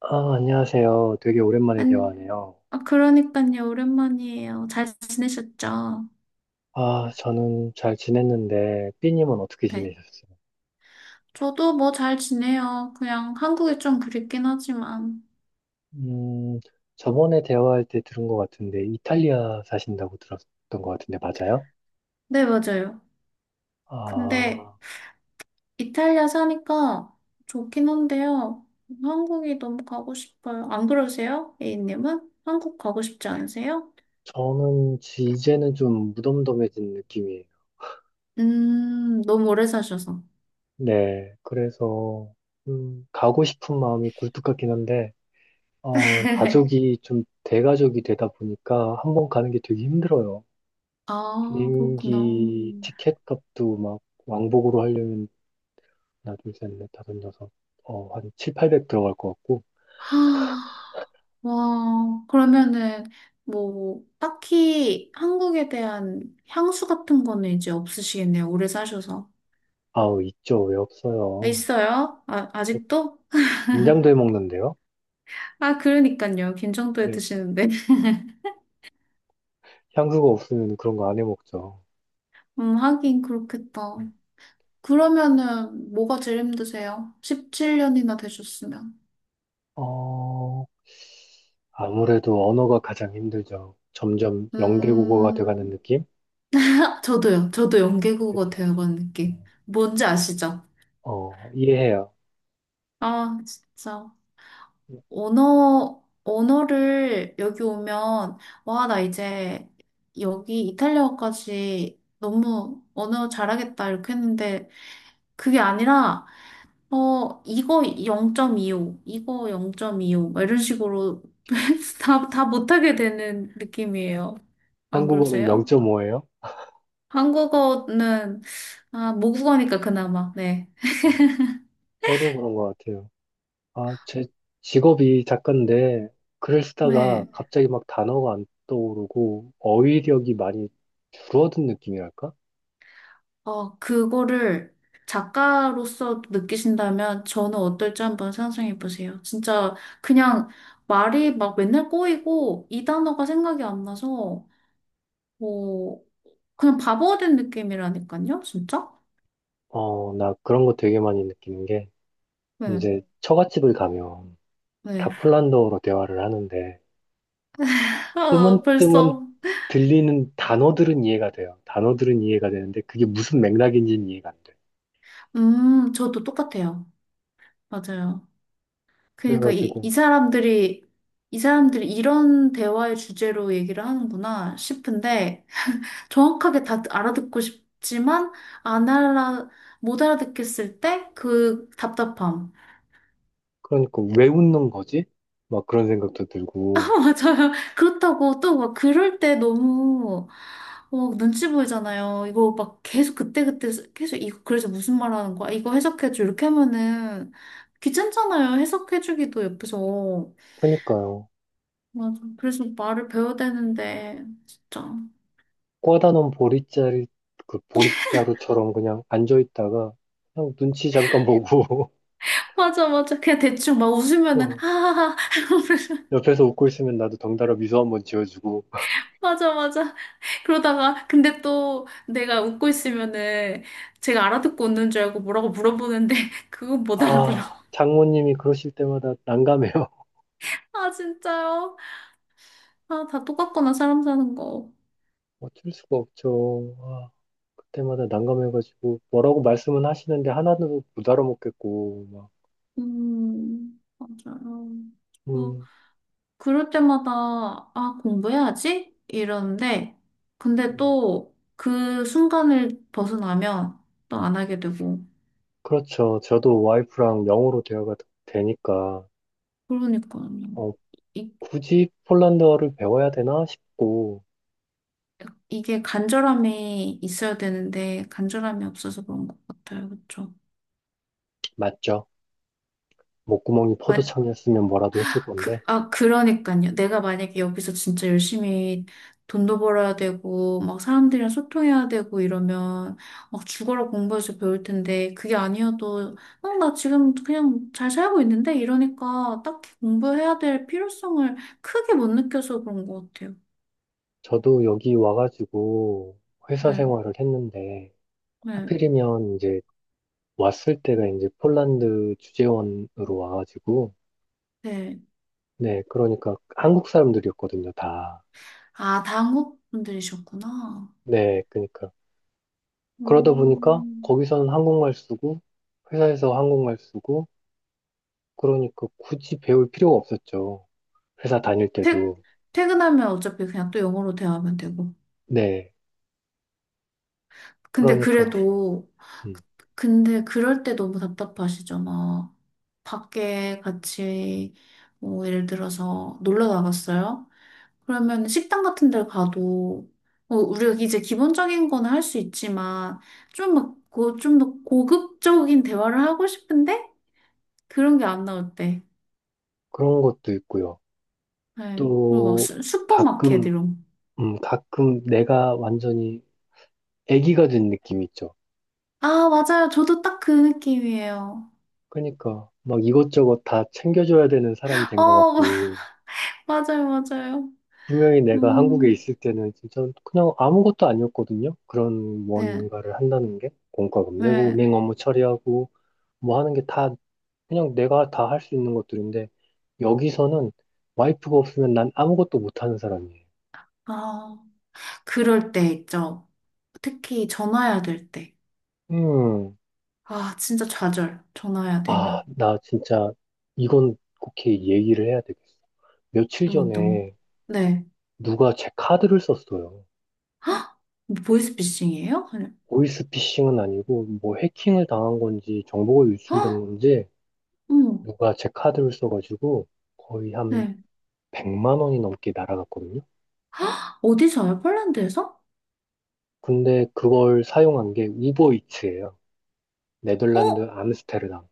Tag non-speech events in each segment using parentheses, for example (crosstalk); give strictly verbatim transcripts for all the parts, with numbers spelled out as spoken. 아, 안녕하세요. 되게 오랜만에 안, 대화하네요. 아, 그러니까요. 오랜만이에요. 잘 지내셨죠? 아, 저는 잘 지냈는데, 삐님은 어떻게 네. 지내셨어요? 저도 뭐 잘 지내요. 그냥 한국이 좀 그립긴 하지만. 음, 저번에 대화할 때 들은 것 같은데, 이탈리아 사신다고 들었던 것 같은데, 맞아요? 네, 맞아요. 근데 아, 이탈리아 사니까 좋긴 한데요. 한국이 너무 가고 싶어요. 안 그러세요? A님은? 한국 가고 싶지 않으세요? 저는 지- 이제는 좀 무덤덤해진 느낌이에요. 음, 너무 오래 사셔서. 네, 그래서, 음, 가고 싶은 마음이 굴뚝 같긴 한데, 어, (laughs) 가족이 좀 대가족이 되다 보니까 한번 가는 게 되게 힘들어요. 아, 그렇구나. 비행기 티켓 값도 막 왕복으로 하려면 하나, 둘, 셋, 넷, 다섯, 여섯, 어, 한 칠, 팔백 들어갈 것 같고. 하, 와, 그러면은 뭐 딱히 한국에 대한 향수 같은 거는 이제 없으시겠네요. 오래 사셔서. 아우, 있죠. 왜 없어요. 있어요? 아, 저 아직도? 인장도 해 먹는데요. 아, 그러니까요. 김정도에 네. 드시는데. (laughs) 향수가 없으면 그런 거 안 해 먹죠. 음, 하긴 그렇겠다. 음. 그러면은 뭐가 제일 힘드세요? 십칠 년이나 되셨으면. 어, 아무래도 언어가 가장 힘들죠. 점점 영계국어가 돼가는 음, 느낌? 저도요. 저도 연계국어 그렇죠. 배워간 느낌. 뭔지 아시죠? 어, 이해해요. 아, 진짜. 언어, 언어를 여기 오면, 와, 나 이제 여기 이탈리아어까지 너무 언어 잘하겠다, 이렇게 했는데, 그게 아니라, 어, 이거 영 점 이오, 이거 영 점 이오, 막 이런 식으로 (laughs) 다, 다 못하게 되는 느낌이에요. 안 한국어는 그러세요? 영 점 오예요? 한국어는, 아, 모국어니까 그나마, 네. 저도 그런 것 같아요. 아, 제 직업이 작가인데 글을 쓰다가, 네. 네, 갑자기 막 단어가 안 떠오르고 어휘력이 많이 줄어든 느낌이랄까? 어, 그거를 작가로서 느끼신다면 저는 어떨지 한번 상상해 보세요. 진짜 그냥 말이 막 맨날 꼬이고 이 단어가 생각이 안 나서 뭐 그냥 바보가 된 느낌이라니까요, 진짜? 어, 나 그런 거 되게 많이 느끼는 게, 네, 이제 처갓집을 가면 네. 다 폴란드어로 대화를 하는데 (laughs) 아, 뜨문뜨문 벌써. 들리는 단어들은 이해가 돼요. 단어들은 이해가 되는데 그게 무슨 맥락인지는 이해가 안 돼. 음, 저도 똑같아요. 맞아요. 그러니까 이, 이 그래가지고 사람들이 이 사람들이 이런 대화의 주제로 얘기를 하는구나 싶은데 정확하게 다 알아듣고 싶지만 안 알아 못 알아듣겠을 때 그 답답함. 그러니까 왜 웃는 거지? 막 그런 생각도 (laughs) 아, 들고 맞아요. 그렇다고 또 막 그럴 때 너무 어, 눈치 보이잖아요. 이거 막 계속 그때그때 계속 이거 그래서 무슨 말 하는 거야? 이거 해석해줘. 이렇게 하면은 귀찮잖아요. 해석해주기도 옆에서. 그러니까요. 맞아. 그래서 말을 배워야 되는데 진짜. 꽂아놓은 보릿자리, 그 보릿자루처럼 그냥 앉아있다가 그냥 눈치 잠깐 보고. (laughs) 맞아, 맞아. 그냥 대충 막 웃으면은 어, 하하하. (laughs) 옆에서 웃고 있으면 나도 덩달아 미소 한번 지어주고. 맞아, 맞아. 그러다가 근데 또 내가 웃고 있으면은 제가 알아듣고 웃는 줄 알고 뭐라고 물어보는데 (laughs) 그건 못 알아들어. 아, 장모님이 그러실 때마다 난감해요. (laughs) 아 진짜요? 아 다 똑같구나 사람 사는 거. 어쩔 수가 없죠. 아, 그때마다 난감해가지고 뭐라고 말씀은 하시는데 하나도 못 알아먹겠고 막. 음 맞아요. 뭐 음, 그럴 때마다 아 공부해야지 이러는데 근데 음. 또 그 순간을 벗어나면 또 안 하게 되고 그렇죠. 저도 와이프랑 영어로 대화가 되니까, 그러니까요. 어, 이, 굳이 폴란드어를 배워야 되나 싶고. 이게 간절함이 있어야 되는데 간절함이 없어서 그런 것 같아요. 그렇죠? 맞죠. 목구멍이 포도청이었으면 뭐라도 했을 건데, 그, 아, 그러니까요. 내가 만약에 여기서 진짜 열심히 돈도 벌어야 되고, 막 사람들이랑 소통해야 되고 이러면 막 죽어라 공부해서 배울 텐데, 그게 아니어도, 어, 나 지금 그냥 잘 살고 있는데? 이러니까 딱히 공부해야 될 필요성을 크게 못 느껴서 그런 것 같아요. 저도 여기 와가지고 회사 네, 생활을 했는데, 네, 하필이면 이제 왔을 때가 이제 폴란드 주재원으로 와가지고, 네. 네, 그러니까 한국 사람들이었거든요, 다. 아, 당국분들이셨구나. 네, 그러니까. 그러다 보니까 음, 거기서는 한국말 쓰고, 회사에서 한국말 쓰고, 그러니까 굳이 배울 필요가 없었죠. 회사 다닐 퇴, 때도. 퇴근하면 어차피 그냥 또 영어로 대화하면 되고. 네, 근데 그러니까. 그래도, 음, 근데 그럴 때 너무 답답하시잖아. 밖에 같이, 뭐, 예를 들어서 놀러 나갔어요? 그러면 식당 같은 데 가도, 어, 우리가 이제 기본적인 거는 할 수 있지만, 좀 막, 고, 좀더 고급적인 대화를 하고 싶은데? 그런 게 안 나올 때. 그런 것도 있고요. 네. 그리고 막 또, 슈, 슈퍼마켓 가끔, 이런. 음, 가끔 내가 완전히 애기가 된 느낌이 있죠. 아, 맞아요. 저도 딱 그 느낌이에요. 그러니까 막 이것저것 다 챙겨줘야 되는 사람이 된 것 어, 같고, (laughs) 맞아요, 맞아요. 분명히 내가 한국에 음, 있을 때는 진짜 그냥 아무것도 아니었거든요. 그런 네. 뭔가를 한다는 게 공과금 내고 네. 은행 업무 처리하고 뭐 하는 게 다 그냥 내가 다 할 수 있는 것들인데, 여기서는 와이프가 없으면 난 아무것도 못하는 사람이에요. 아, 그럴 때 있죠. 특히 전화해야 될 때. 음, 아, 진짜 좌절. 전화해야 아, 되면. 나 진짜 이건 국회에 얘기를 해야 되겠어. 며칠 뭐 어떤, 거. 전에 네. 누가 제 카드를 썼어요. 뭐 보이스피싱이에요? 그냥. 보이스피싱은 아니고 뭐 해킹을 당한 건지 정보가 헉! 유출된 건지, 어머, 누가 제 카드를 써가지고 거의 한 네. 백만 원이 넘게 날아갔거든요. 어디서요? 폴란드에서? 근데 그걸 사용한 게 우버이츠예요. 네덜란드 어? 암스테르담.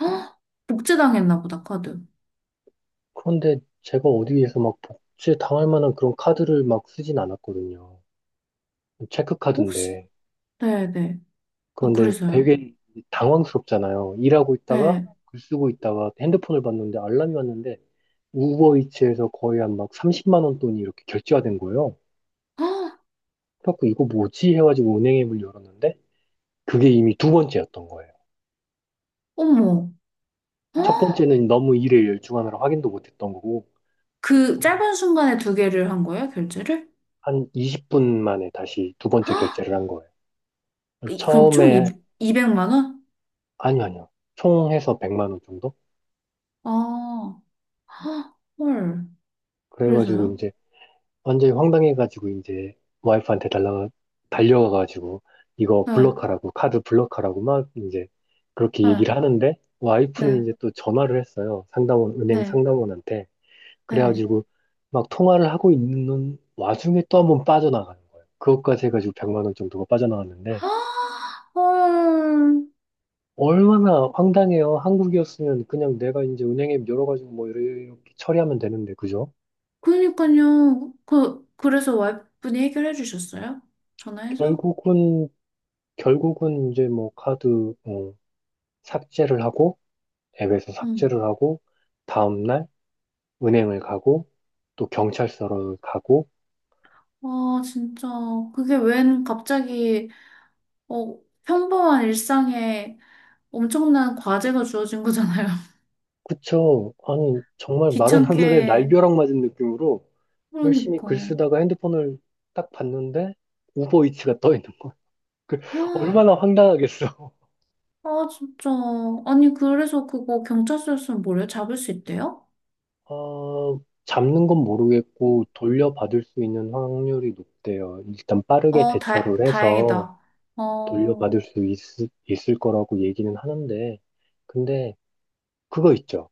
헉! 복제당했나 보다, 카드. 그런데 제가 어디에서 막 복제 당할 만한 그런 카드를 막 쓰진 않았거든요. 혹시? 체크카드인데. 네네. 어, 그런데 그래서요? 되게 당황스럽잖아요. 일하고 있다가 네. 글 쓰고 있다가 핸드폰을 봤는데 알람이 왔는데 우버이츠에서 거의 한 막 삼십만 원 돈이 이렇게 결제가 된 거예요. 헉! 그래갖고 이거 뭐지 해가지고 은행 앱을 열었는데 그게 이미 두 번째였던 거예요. 어머. 첫 헉! 번째는 너무 일에 열중하느라 확인도 못했던 거고, 그 짧은 순간에 두 개를 한 거예요, 결제를? 한 이십 분 만에 다시 두 헉! 번째 결제를 한 거예요. 이- 그럼 총 처음에 이, 이백만 원? 아니, 아니요. 총 해서 백만 원 정도? 아, 헉! 헐. 그래가지고 그래서요? 이제 완전히 황당해가지고 이제 와이프한테 달라가 달려가가지고 이거 네, 블럭하라고, 카드 블럭하라고 막 이제 그렇게 네, 얘기를 하는데, 와이프는 네, 이제 또 전화를 했어요, 상담원 은행 네, 상담원한테. 네. 그래가지고 막 통화를 하고 있는 와중에 또 한번 빠져나가는 거예요. 그것까지 해가지고 백만 원 정도가 빠져나갔는데, 어, 얼마나 황당해요. 한국이었으면 그냥 내가 이제 은행에 열어가지고 뭐 이렇게 처리하면 되는데, 그죠? 그러니까요. 그, 그래서 와이프분이 해결해 주셨어요? 전화해서? 결국은 결국은 이제 뭐 카드 어, 삭제를 하고, 앱에서 응. 삭제를 하고, 다음날 은행을 가고, 또 경찰서를 가고. 와, 진짜. 그게 웬 갑자기, 어, 평범한 일상에 엄청난 과제가 주어진 거잖아요. (laughs) 그쵸? 아니, 정말 마른 하늘에 귀찮게. 날벼락 맞은 느낌으로 열심히 글 그러니까. 쓰다가 핸드폰을 딱 봤는데 우버이츠가 떠 있는 거야. (laughs) 그 아, 얼마나 황당하겠어. 아, 진짜. 아니, 그래서 그거 경찰서였으면 뭐래요? 잡을 수 있대요? 어, 잡는 건 모르겠고 돌려받을 수 있는 확률이 높대요. 일단 빠르게 어, 다, 대처를 해서 다행이다. 어, 돌려받을 수 있, 있을 거라고 얘기는 하는데, 근데 그거 있죠.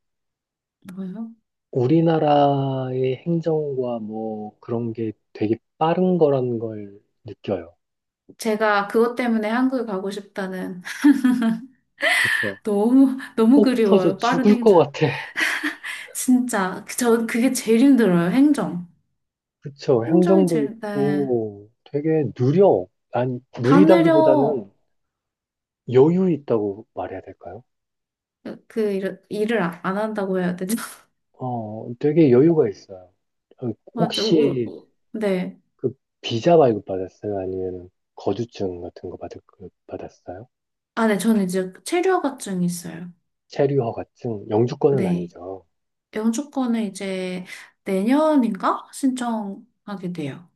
뭐예요? 우리나라의 행정과 뭐 그런 게 되게 빠른 거라는 걸 느껴요. 제가 그것 때문에 한국에 가고 싶다는 그쵸? (laughs) 너무 너무 속 터져 그리워요. 빠른 죽을 것 행정. 같아. (laughs) 진짜 전 그게 제일 힘들어요. 행정. 그쵸? 행정이 행정도 제일 네. 있고 되게 느려. 아니, 다느려 느리다기보다는 여유 있다고 말해야 될까요? 그 일, 일을 아- 안 한다고 해야 되죠? (laughs) 어, 되게 여유가 있어요. 어, 맞아. 울, 혹시 울- 네. 그 비자 발급 받았어요? 아니면 거주증 같은 거 받을, 받았어요? 아, 네. 저는 이제 체류허가증이 있어요. 체류허가증? 영주권은 네. 아니죠. 영주권을 이제 내년인가 신청하게 돼요.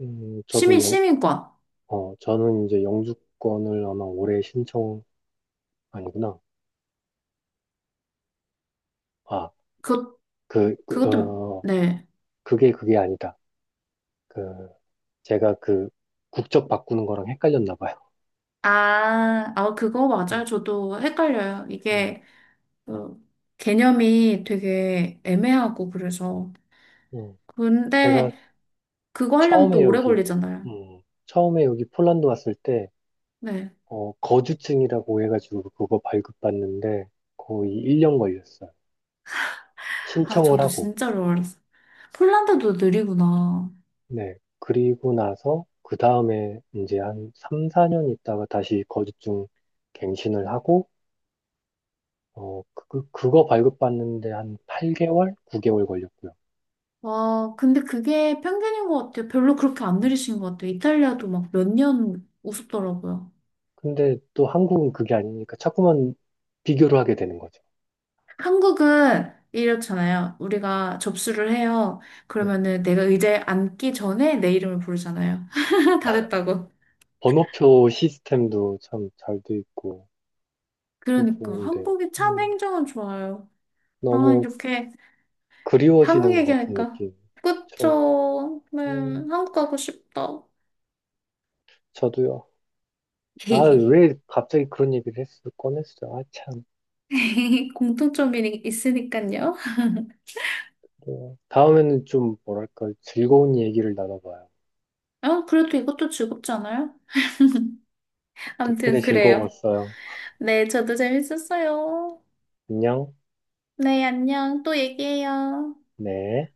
음, 저도 시민 영, 시민권. 어, 저는 이제 영주권을 아마 올해 신청, 아니구나. 아, 그 그, 그, 그것도 어, 네. 그게 그게 아니다. 그, 제가 그 국적 바꾸는 거랑 헷갈렸나 봐요. 아, 아, 그거 음, 맞아요. 저도 헷갈려요. 음. 이게 어, 개념이 되게 애매하고 그래서. 음. 제가 근데 그거 하려면 처음에 또 오래 여기, 걸리잖아요. 음, 처음에 여기 폴란드 왔을 때, 네. 어, 거주증이라고 해가지고 그거 발급받는데 거의 일 년 걸렸어요. 아, 신청을 저도 하고, 진짜로 어렸어요. 폴란드도 느리구나. 네. 그리고 나서 그 다음에 이제 한 삼, 사 년 있다가 다시 거주증 갱신을 하고, 어, 그, 그거 발급받는데 한 팔 개월? 구 개월 걸렸고요. 와, 근데 그게 편견인 것 같아요. 별로 그렇게 안 어, 느리신 것 같아요. 이탈리아도 막 몇 년 우습더라고요. 근데 또 한국은 그게 아니니까 자꾸만 비교를 하게 되는 거죠. 한국은 이렇잖아요. 우리가 접수를 해요. 네. 그러면은 내가 의자에 앉기 전에 내 이름을 부르잖아요. (laughs) 다 됐다고. 번호표 시스템도 참 잘 돼 있고, 참 그러니까 한 좋은데, 국이 참 음, 행정은 좋아요. 아, 너무 이렇게 한국 그리워지는 것 같은 얘기하니까. 느낌. 그쵸? 그쵸. 네, 음, 한국 가고 싶다. 저도요. 아, (laughs) 왜 갑자기 그런 얘기를 했어? 꺼냈어. 아, 참. 공통점이 있으니까요. 네. 다음에는 좀, 뭐랄까, 즐거운 얘기를 나눠봐요. 아, 그래도 이것도 즐겁지 않아요? 덕분에 아무튼 그래요. 즐거웠어요. 네, 저도 재밌었어요. 안녕. 네, 안녕. 또 얘기해요. 네.